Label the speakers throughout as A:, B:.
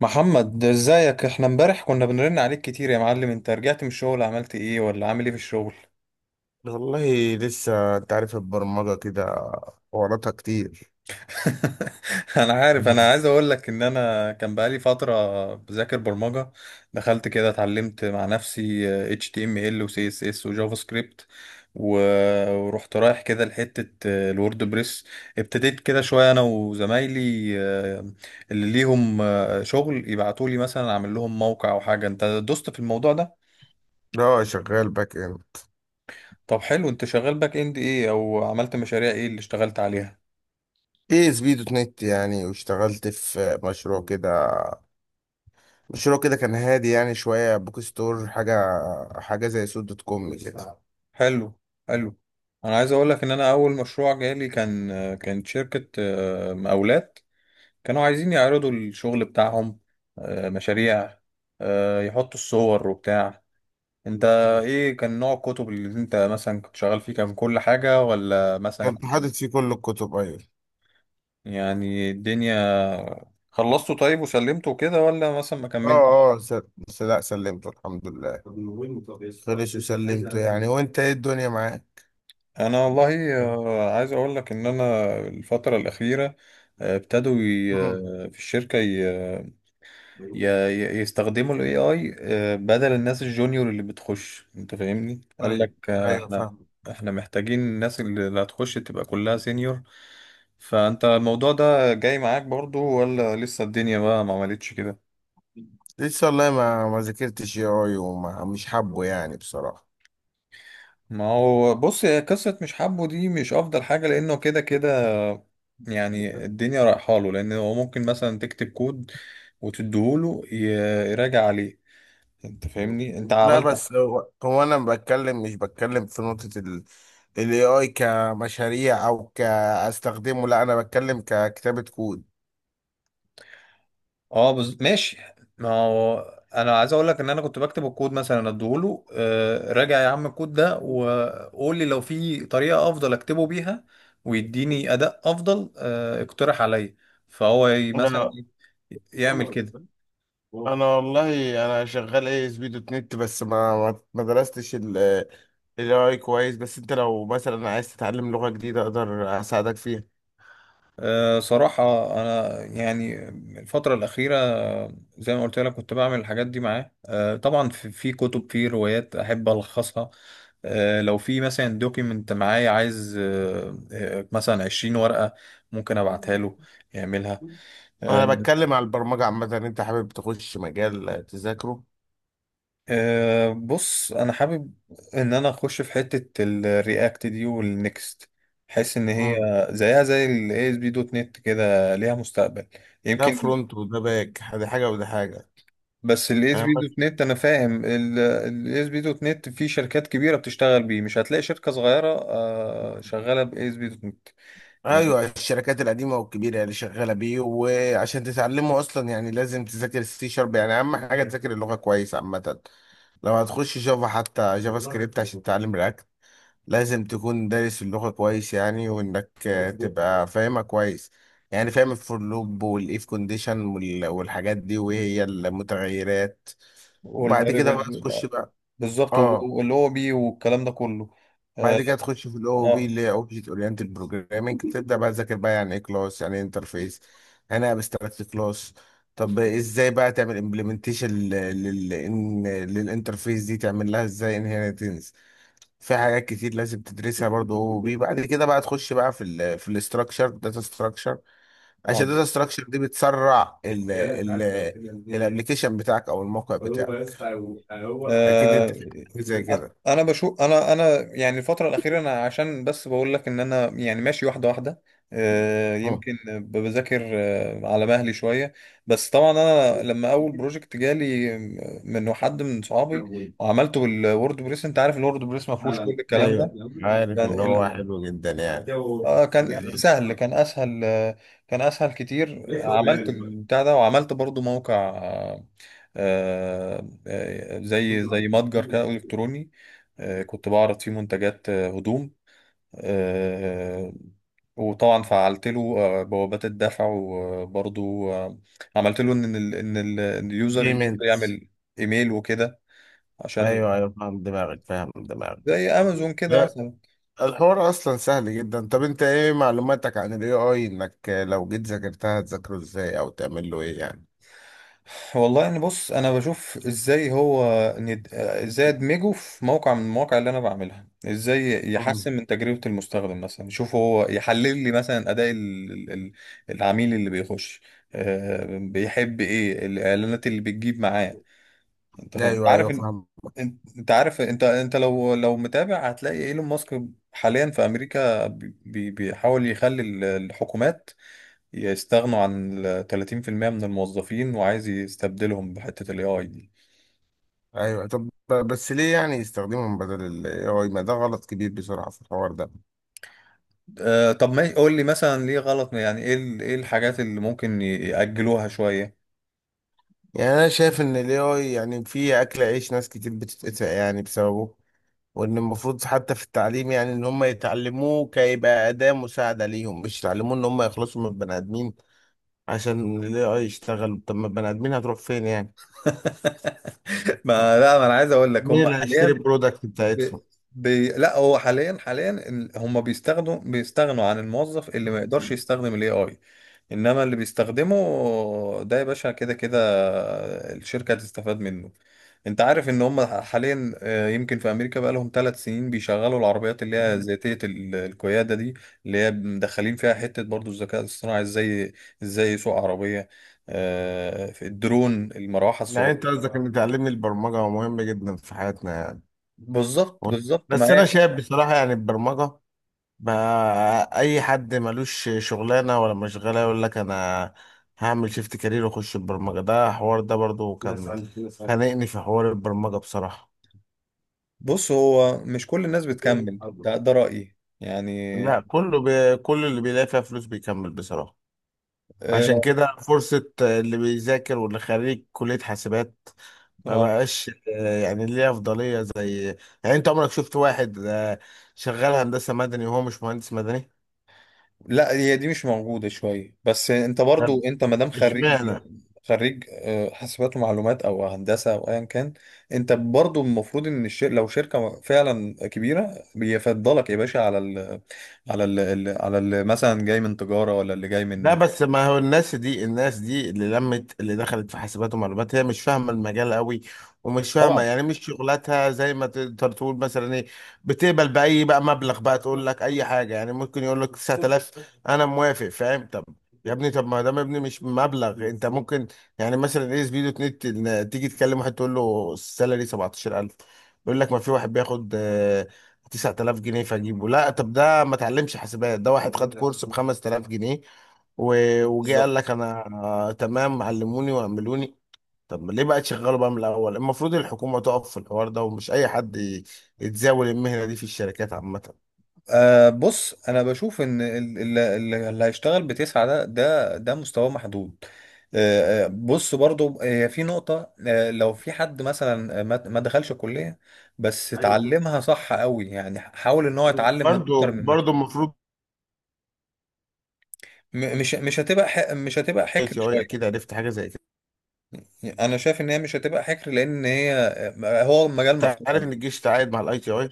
A: محمد ازيك، احنا امبارح كنا بنرن عليك كتير يا معلم. انت رجعت من الشغل عملت ايه ولا عامل ايه في الشغل؟
B: والله لسه انت عارف البرمجة كده وراتها كتير.
A: انا عارف، انا عايز اقول لك ان انا كان بقالي فترة بذاكر برمجة. دخلت كده اتعلمت مع نفسي HTML و CSS و جافا سكريبت و- ورحت رايح كده لحتة الووردبريس. ابتديت كده شوية انا وزمايلي، اللي ليهم شغل يبعتولي مثلا اعمل لهم موقع او حاجة. انت دوست في الموضوع ده؟
B: لا، شغال باك اند.
A: طب حلو، انت شغال باك اند ايه او عملت مشاريع ايه اللي اشتغلت عليها؟
B: اي اس بي دوت نت يعني، واشتغلت في مشروع كده، مشروع كده كان هادي يعني، شوية بوك ستور حاجة، حاجة زي سوق دوت كوم كده.
A: حلو، حلو. انا عايز اقول لك ان انا اول مشروع جالي كان، كانت شركة مقاولات، كانوا عايزين يعرضوا الشغل بتاعهم، مشاريع، يحطوا الصور وبتاع. انت ايه كان نوع الكتب اللي انت مثلا كنت شغال فيه، كان كل حاجة ولا مثلا
B: كنت حاطط فيه كل الكتب، ايوه.
A: يعني الدنيا؟ خلصته طيب وسلمته كده ولا مثلا ما كملتش؟
B: اه. اه سل... لا، سلمته الحمد لله، خلص وسلمته يعني. وانت ايه الدنيا معاك؟
A: انا والله، عايز اقول لك ان انا الفتره الاخيره، ابتدوا
B: مم.
A: في الشركه ي- يستخدموا الاي اي بدل الناس الجونيور اللي بتخش. انت فاهمني؟ قال لك
B: طيب. ايوه
A: احنا،
B: فاهم.
A: احنا محتاجين الناس اللي هتخش تبقى كلها سينيور. فانت الموضوع ده جاي معاك برضو، ولا لسه الدنيا بقى ما عملتش كده؟
B: لسه والله ما ذاكرتش اي اي، وما مش حابه يعني بصراحة.
A: ما هو بص، هي قصة مش حابه دي مش أفضل حاجة، لأنه كده كده يعني الدنيا رايحة له. لأن هو ممكن مثلا تكتب كود وتديهوله يراجع عليه. أنت فاهمني؟ أنت
B: لا
A: عملت
B: بس هو انا بتكلم، مش بتكلم في نقطة ال الاي اي كمشاريع او كاستخدمه، لا انا بتكلم ككتابة كود.
A: ماشي. ما هو أنا عايز أقول لك إن أنا كنت بكتب الكود مثلا أديهوله، راجع يا عم الكود ده وقول لي لو في طريقة أفضل أكتبه بيها ويديني أداء أفضل. اقترح عليا. فهو مثلا
B: لا،
A: يعمل كده.
B: انا والله انا شغال اي اس بي دوت نت، بس ما درستش ال الاي اي كويس. بس انت لو مثلا عايز تتعلم لغة جديدة اقدر اساعدك فيها.
A: أه صراحة أنا يعني الفترة الأخيرة، زي ما قلت لك كنت بعمل الحاجات دي معاه. أه طبعا في كتب، في روايات أحب ألخصها. أه لو في مثلا دوكيمنت معايا عايز، أه مثلا 20 ورقة، ممكن أبعتها له يعملها. أه.
B: انا بتكلم على البرمجة عامة، انت حابب تخش مجال تذاكره؟
A: أه بص، أنا حابب إن أنا أخش في حتة الرياكت دي والنكست. حس إن هي زيها زي ASP.NET، كده ليها مستقبل
B: ده
A: يمكن.
B: فرونت وده باك، ده حاجه وده حاجه.
A: بس الاس
B: انا
A: بي
B: بس.
A: دوت نت، انا فاهم الاس بي دوت نت في شركات كبيره بتشتغل بيه، مش هتلاقي شركه صغيره شغاله باس بي دوت نت يعني.
B: ايوه، الشركات القديمه والكبيره اللي شغاله بيه. وعشان تتعلمه اصلا يعني لازم تذاكر السي شارب، يعني اهم حاجه تذاكر اللغه كويس عامه. لو هتخش جافا حتى جافا سكريبت عشان تتعلم رياكت، لازم تكون دارس اللغه كويس يعني، وانك تبقى فاهمها كويس. يعني فاهم الفور لوب والايف كونديشن والحاجات دي، وهي المتغيرات. وبعد كده
A: والفاريبلز.
B: بقى تخش بقى.
A: بالظبط،
B: اه.
A: واللي هو بيه والكلام ده كله. اه.
B: بعد كده تخش في الاو بي
A: اه.
B: اللي هي اوبجكت اورينتد بروجرامنج، تبدا بقى تذاكر بقى يعني ايه كلاس، يعني ايه انترفيس، يعني ايه ابستراكت كلاس. طب ازاي بقى تعمل امبلمنتيشن للانترفيس دي، تعمل لها ازاي انهيرتنس. في حاجات كتير لازم تدرسها برضه او بي. بعد كده بقى تخش بقى في ال في الاستراكشر، داتا ستراكشر،
A: آه.
B: عشان الداتا ستراكشر دي بتسرع الابلكيشن بتاعك او الموقع بتاعك. اكيد انت
A: آه،
B: في حاجة زي كده.
A: انا بشوف، انا يعني الفتره الاخيره انا، عشان بس بقول لك ان انا يعني ماشي واحده واحده. يمكن بذاكر على مهلي شويه. بس طبعا انا لما اول بروجكت جالي من حد من صحابي وعملته بالوورد بريس، انت عارف الوورد بريس ما فيهوش كل
B: ده
A: الكلام ده.
B: ايوه. عارف ان
A: يعني
B: هو حلو جدا يعني، جو.
A: اه كان سهل، كان اسهل، كان اسهل كتير. عملت البتاع ده وعملت برضو موقع، زي متجر كده إلكتروني. كنت بعرض فيه منتجات، هدوم، آه، وطبعا فعلت له بوابات الدفع وبرضو عملت له ان إن اليوزر
B: بيمنت.
A: يعمل ايميل وكده، عشان
B: ايوه ايوه، فاهم دماغك فاهم دماغك.
A: زي امازون كده
B: لا،
A: مثلا.
B: الحوار اصلا سهل جدا. طب انت ايه معلوماتك عن الاي اي؟ انك لو جيت ذاكرتها هتذاكره ازاي، او تعمل له ايه يعني؟
A: والله يعني بص، انا بشوف ازاي هو ازاي ادمجه في موقع من المواقع اللي انا بعملها، ازاي
B: مم.
A: يحسن من تجربة المستخدم مثلا. يشوف هو، يحلل لي مثلا اداء العميل اللي بيخش، بيحب ايه، الاعلانات اللي بتجيب معاه. انت فاهم، انت
B: ايوه
A: عارف
B: ايوه
A: ان،
B: فاهم.
A: انت أنت عارف، انت لو، لو متابع هتلاقي ايلون ماسك حاليا في امريكا بيحاول يخلي الحكومات يستغنوا عن ال 30% من الموظفين، وعايز يستبدلهم بحتة ال AI دي.
B: ايوه طب. بس ليه يعني يستخدمهم بدل الاي اي؟ ما ده غلط كبير بسرعه في الحوار ده.
A: آه طب ما قول لي مثلا ليه غلط، يعني ايه ايه الحاجات اللي ممكن يأجلوها شوية؟
B: يعني انا شايف ان الاي اي يعني في اكل عيش ناس كتير بتتقطع يعني بسببه. وان المفروض حتى في التعليم يعني ان هم يتعلموه كيبقى اداة مساعدة ليهم، مش يتعلموه ان هم يخلصوا من البني ادمين عشان ال AI يشتغل. طب ما البني ادمين هتروح فين يعني؟
A: ما انا عايز اقول لك هم
B: مين اللي هيشتري
A: حاليا
B: البرودكت
A: ب...
B: بتاعتهم؟
A: لا، هو حاليا حاليا هم بيستخدموا، بيستغنوا عن الموظف اللي ما يقدرش يستخدم الاي اي. انما اللي بيستخدمه ده يا باشا كده كده الشركة هتستفاد منه. انت عارف ان هم حاليا، يمكن في امريكا بقى لهم 3 سنين بيشغلوا العربيات اللي هي ذاتية القيادة دي، اللي هي مدخلين فيها حتة برضو الذكاء الاصطناعي، ازاي ازاي يسوق عربية. في الدرون، المروحة
B: يعني انت
A: الصغيرة.
B: قصدك ان تعلمني البرمجة مهم جدا في حياتنا يعني.
A: بالظبط، بالظبط. ما
B: بس انا شايف بصراحة يعني البرمجة بقى اي حد ملوش شغلانة ولا مشغلة يقول لك انا هعمل شيفت كارير واخش البرمجة. ده حوار، ده برضو كان خانقني في حوار البرمجة بصراحة.
A: بص، هو مش كل الناس بتكمل ده، ده رأيي يعني.
B: لا كله بي... كل اللي بيلاقي فيها فلوس بيكمل بصراحة. عشان
A: اه.
B: كده فرصة اللي بيذاكر واللي خريج كلية حاسبات ما
A: آه.
B: بقاش يعني ليه أفضلية زي. يعني أنت عمرك شفت واحد شغال هندسة مدني وهو مش مهندس مدني؟
A: لا هي دي مش موجودة شوية، بس انت برضو
B: لا.
A: انت مادام خريج،
B: اشمعنى؟
A: خريج حاسبات ومعلومات او هندسة او ايا كان، انت برضو المفروض ان لو شركة فعلا كبيرة بيفضلك يا باشا على مثلا جاي من تجارة ولا اللي جاي
B: لا
A: من.
B: بس ما هو الناس دي، الناس دي اللي لمت اللي دخلت في حاسبات ومعلومات هي مش فاهمه المجال قوي، ومش فاهمه
A: طبعا.
B: يعني مش شغلتها زي ما تقدر تقول مثلا ايه. بتقبل باي بقى مبلغ، بقى تقول لك اي حاجه، يعني ممكن يقول لك 9000 انا موافق فاهم. طب يا ابني، طب ما دام ابني مش مبلغ، انت ممكن يعني مثلا ايه، سبيدو نت، تيجي تكلم واحد تقول له السالري 17,000، يقول لك ما في واحد بياخد 9000 جنيه. فاجيبه لا، طب ده ما اتعلمش حاسبات، ده واحد خد كورس ب 5000 جنيه، وجه قال
A: بالظبط.
B: لك انا تمام علموني واعملوني. طب ليه بقى تشغله بقى من الاول؟ المفروض الحكومه تقف في الحوار ده، ومش اي حد يتزاول المهنه دي في الشركات عامه.
A: أه بص، انا بشوف ان اللي هيشتغل بـ 9 ده، ده ده مستواه محدود. أه بص برضو هي في نقطة، أه لو في حد مثلا ما دخلش الكلية بس اتعلمها صح قوي، يعني حاول ان هو يتعلم من
B: برضو،
A: اكتر من
B: برضو
A: مكان.
B: المفروض
A: مش هتبقى مش هتبقى
B: اي
A: حكر
B: تي اي
A: شوية.
B: اكيد عرفت حاجه زي كده.
A: يعني انا شايف ان هي مش هتبقى حكر، لان هي هو مجال
B: انت
A: مفتوح
B: عارف ان
A: عموماً.
B: الجيش تعاقد مع الاي تي اي؟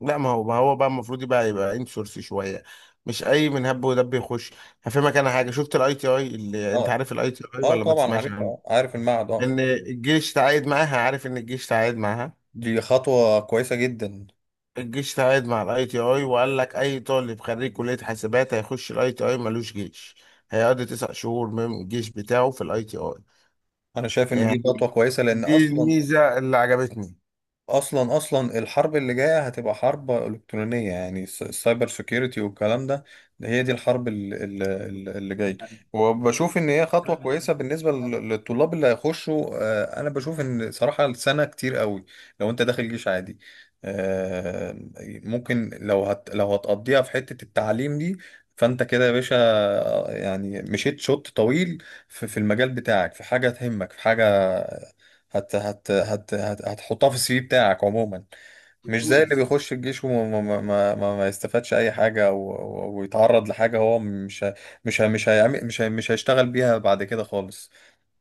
B: لا ما هو، ما هو بقى المفروض يبقى انسورس شويه، مش اي من هب ودب يخش. هفهمك انا حاجه، شفت الاي تي اي؟ اللي انت
A: اه.
B: عارف الاي تي اي
A: اه
B: ولا ما
A: طبعا
B: تسمعش
A: عارفها،
B: عنه؟
A: عارف المعهد. اه.
B: ان الجيش تعاقد معاها، عارف ان الجيش تعاقد معاها.
A: دي خطوة كويسة جدا.
B: الجيش تعاقد مع الاي تي اي وقال لك اي طالب خريج كلية حاسبات هيخش الاي تي اي ملوش جيش، هيقضي 9 شهور من الجيش بتاعه في الاي تي اي،
A: انا شايف ان دي
B: يعني.
A: خطوه كويسه، لان
B: دي
A: اصلا،
B: الميزة اللي عجبتني.
A: اصلا اصلا الحرب اللي جايه هتبقى حرب الكترونيه، يعني السايبر سيكيورتي والكلام ده، ده هي دي الحرب اللي جايه. وبشوف ان هي خطوه كويسه بالنسبه للطلاب اللي هيخشوا. انا بشوف ان صراحه السنه كتير قوي لو انت داخل جيش عادي. آه، ممكن لو هت، لو هتقضيها في حته التعليم دي، فانت كده يا باشا يعني مشيت شوط طويل في في المجال بتاعك، في حاجه تهمك، في حاجه هت هت هت هت هتحطها في السي في بتاعك عموما. مش زي اللي بيخش الجيش وما ما ما ما ما يستفادش اي حاجه، ويتعرض لحاجه هو مش ه- مش ه- مش هيعمل مش ه- مش هيشتغل بيها بعد كده خالص.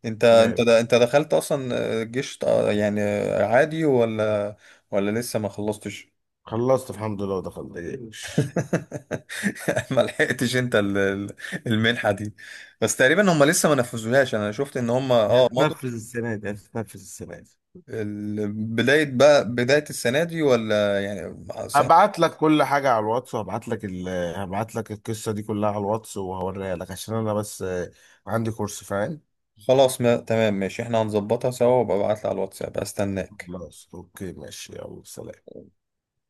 A: انت انت
B: تمام،
A: د- انت دخلت اصلا الجيش يعني عادي، ولا، ولا لسه ما خلصتش؟
B: خلصت الحمد لله ودخلت الجيش.
A: ما لحقتش انت المنحه دي. بس تقريبا هم لسه ما نفذوهاش، انا شفت ان هم اه مضوا
B: هتنفذ السنة دي، هتنفذ السنة دي.
A: بداية، بقى بداية السنة دي ولا يعني؟ صح.
B: هبعت لك كل حاجة على الواتس وهبعت لك ال... هبعت لك القصة دي كلها على الواتس وهوريها لك، عشان انا بس عندي كورس، فاهم.
A: خلاص ما تمام ماشي، احنا هنظبطها سوا. وابقى ابعتلي على الواتساب، استناك.
B: خلاص اوكي، ماشي، يلا سلام.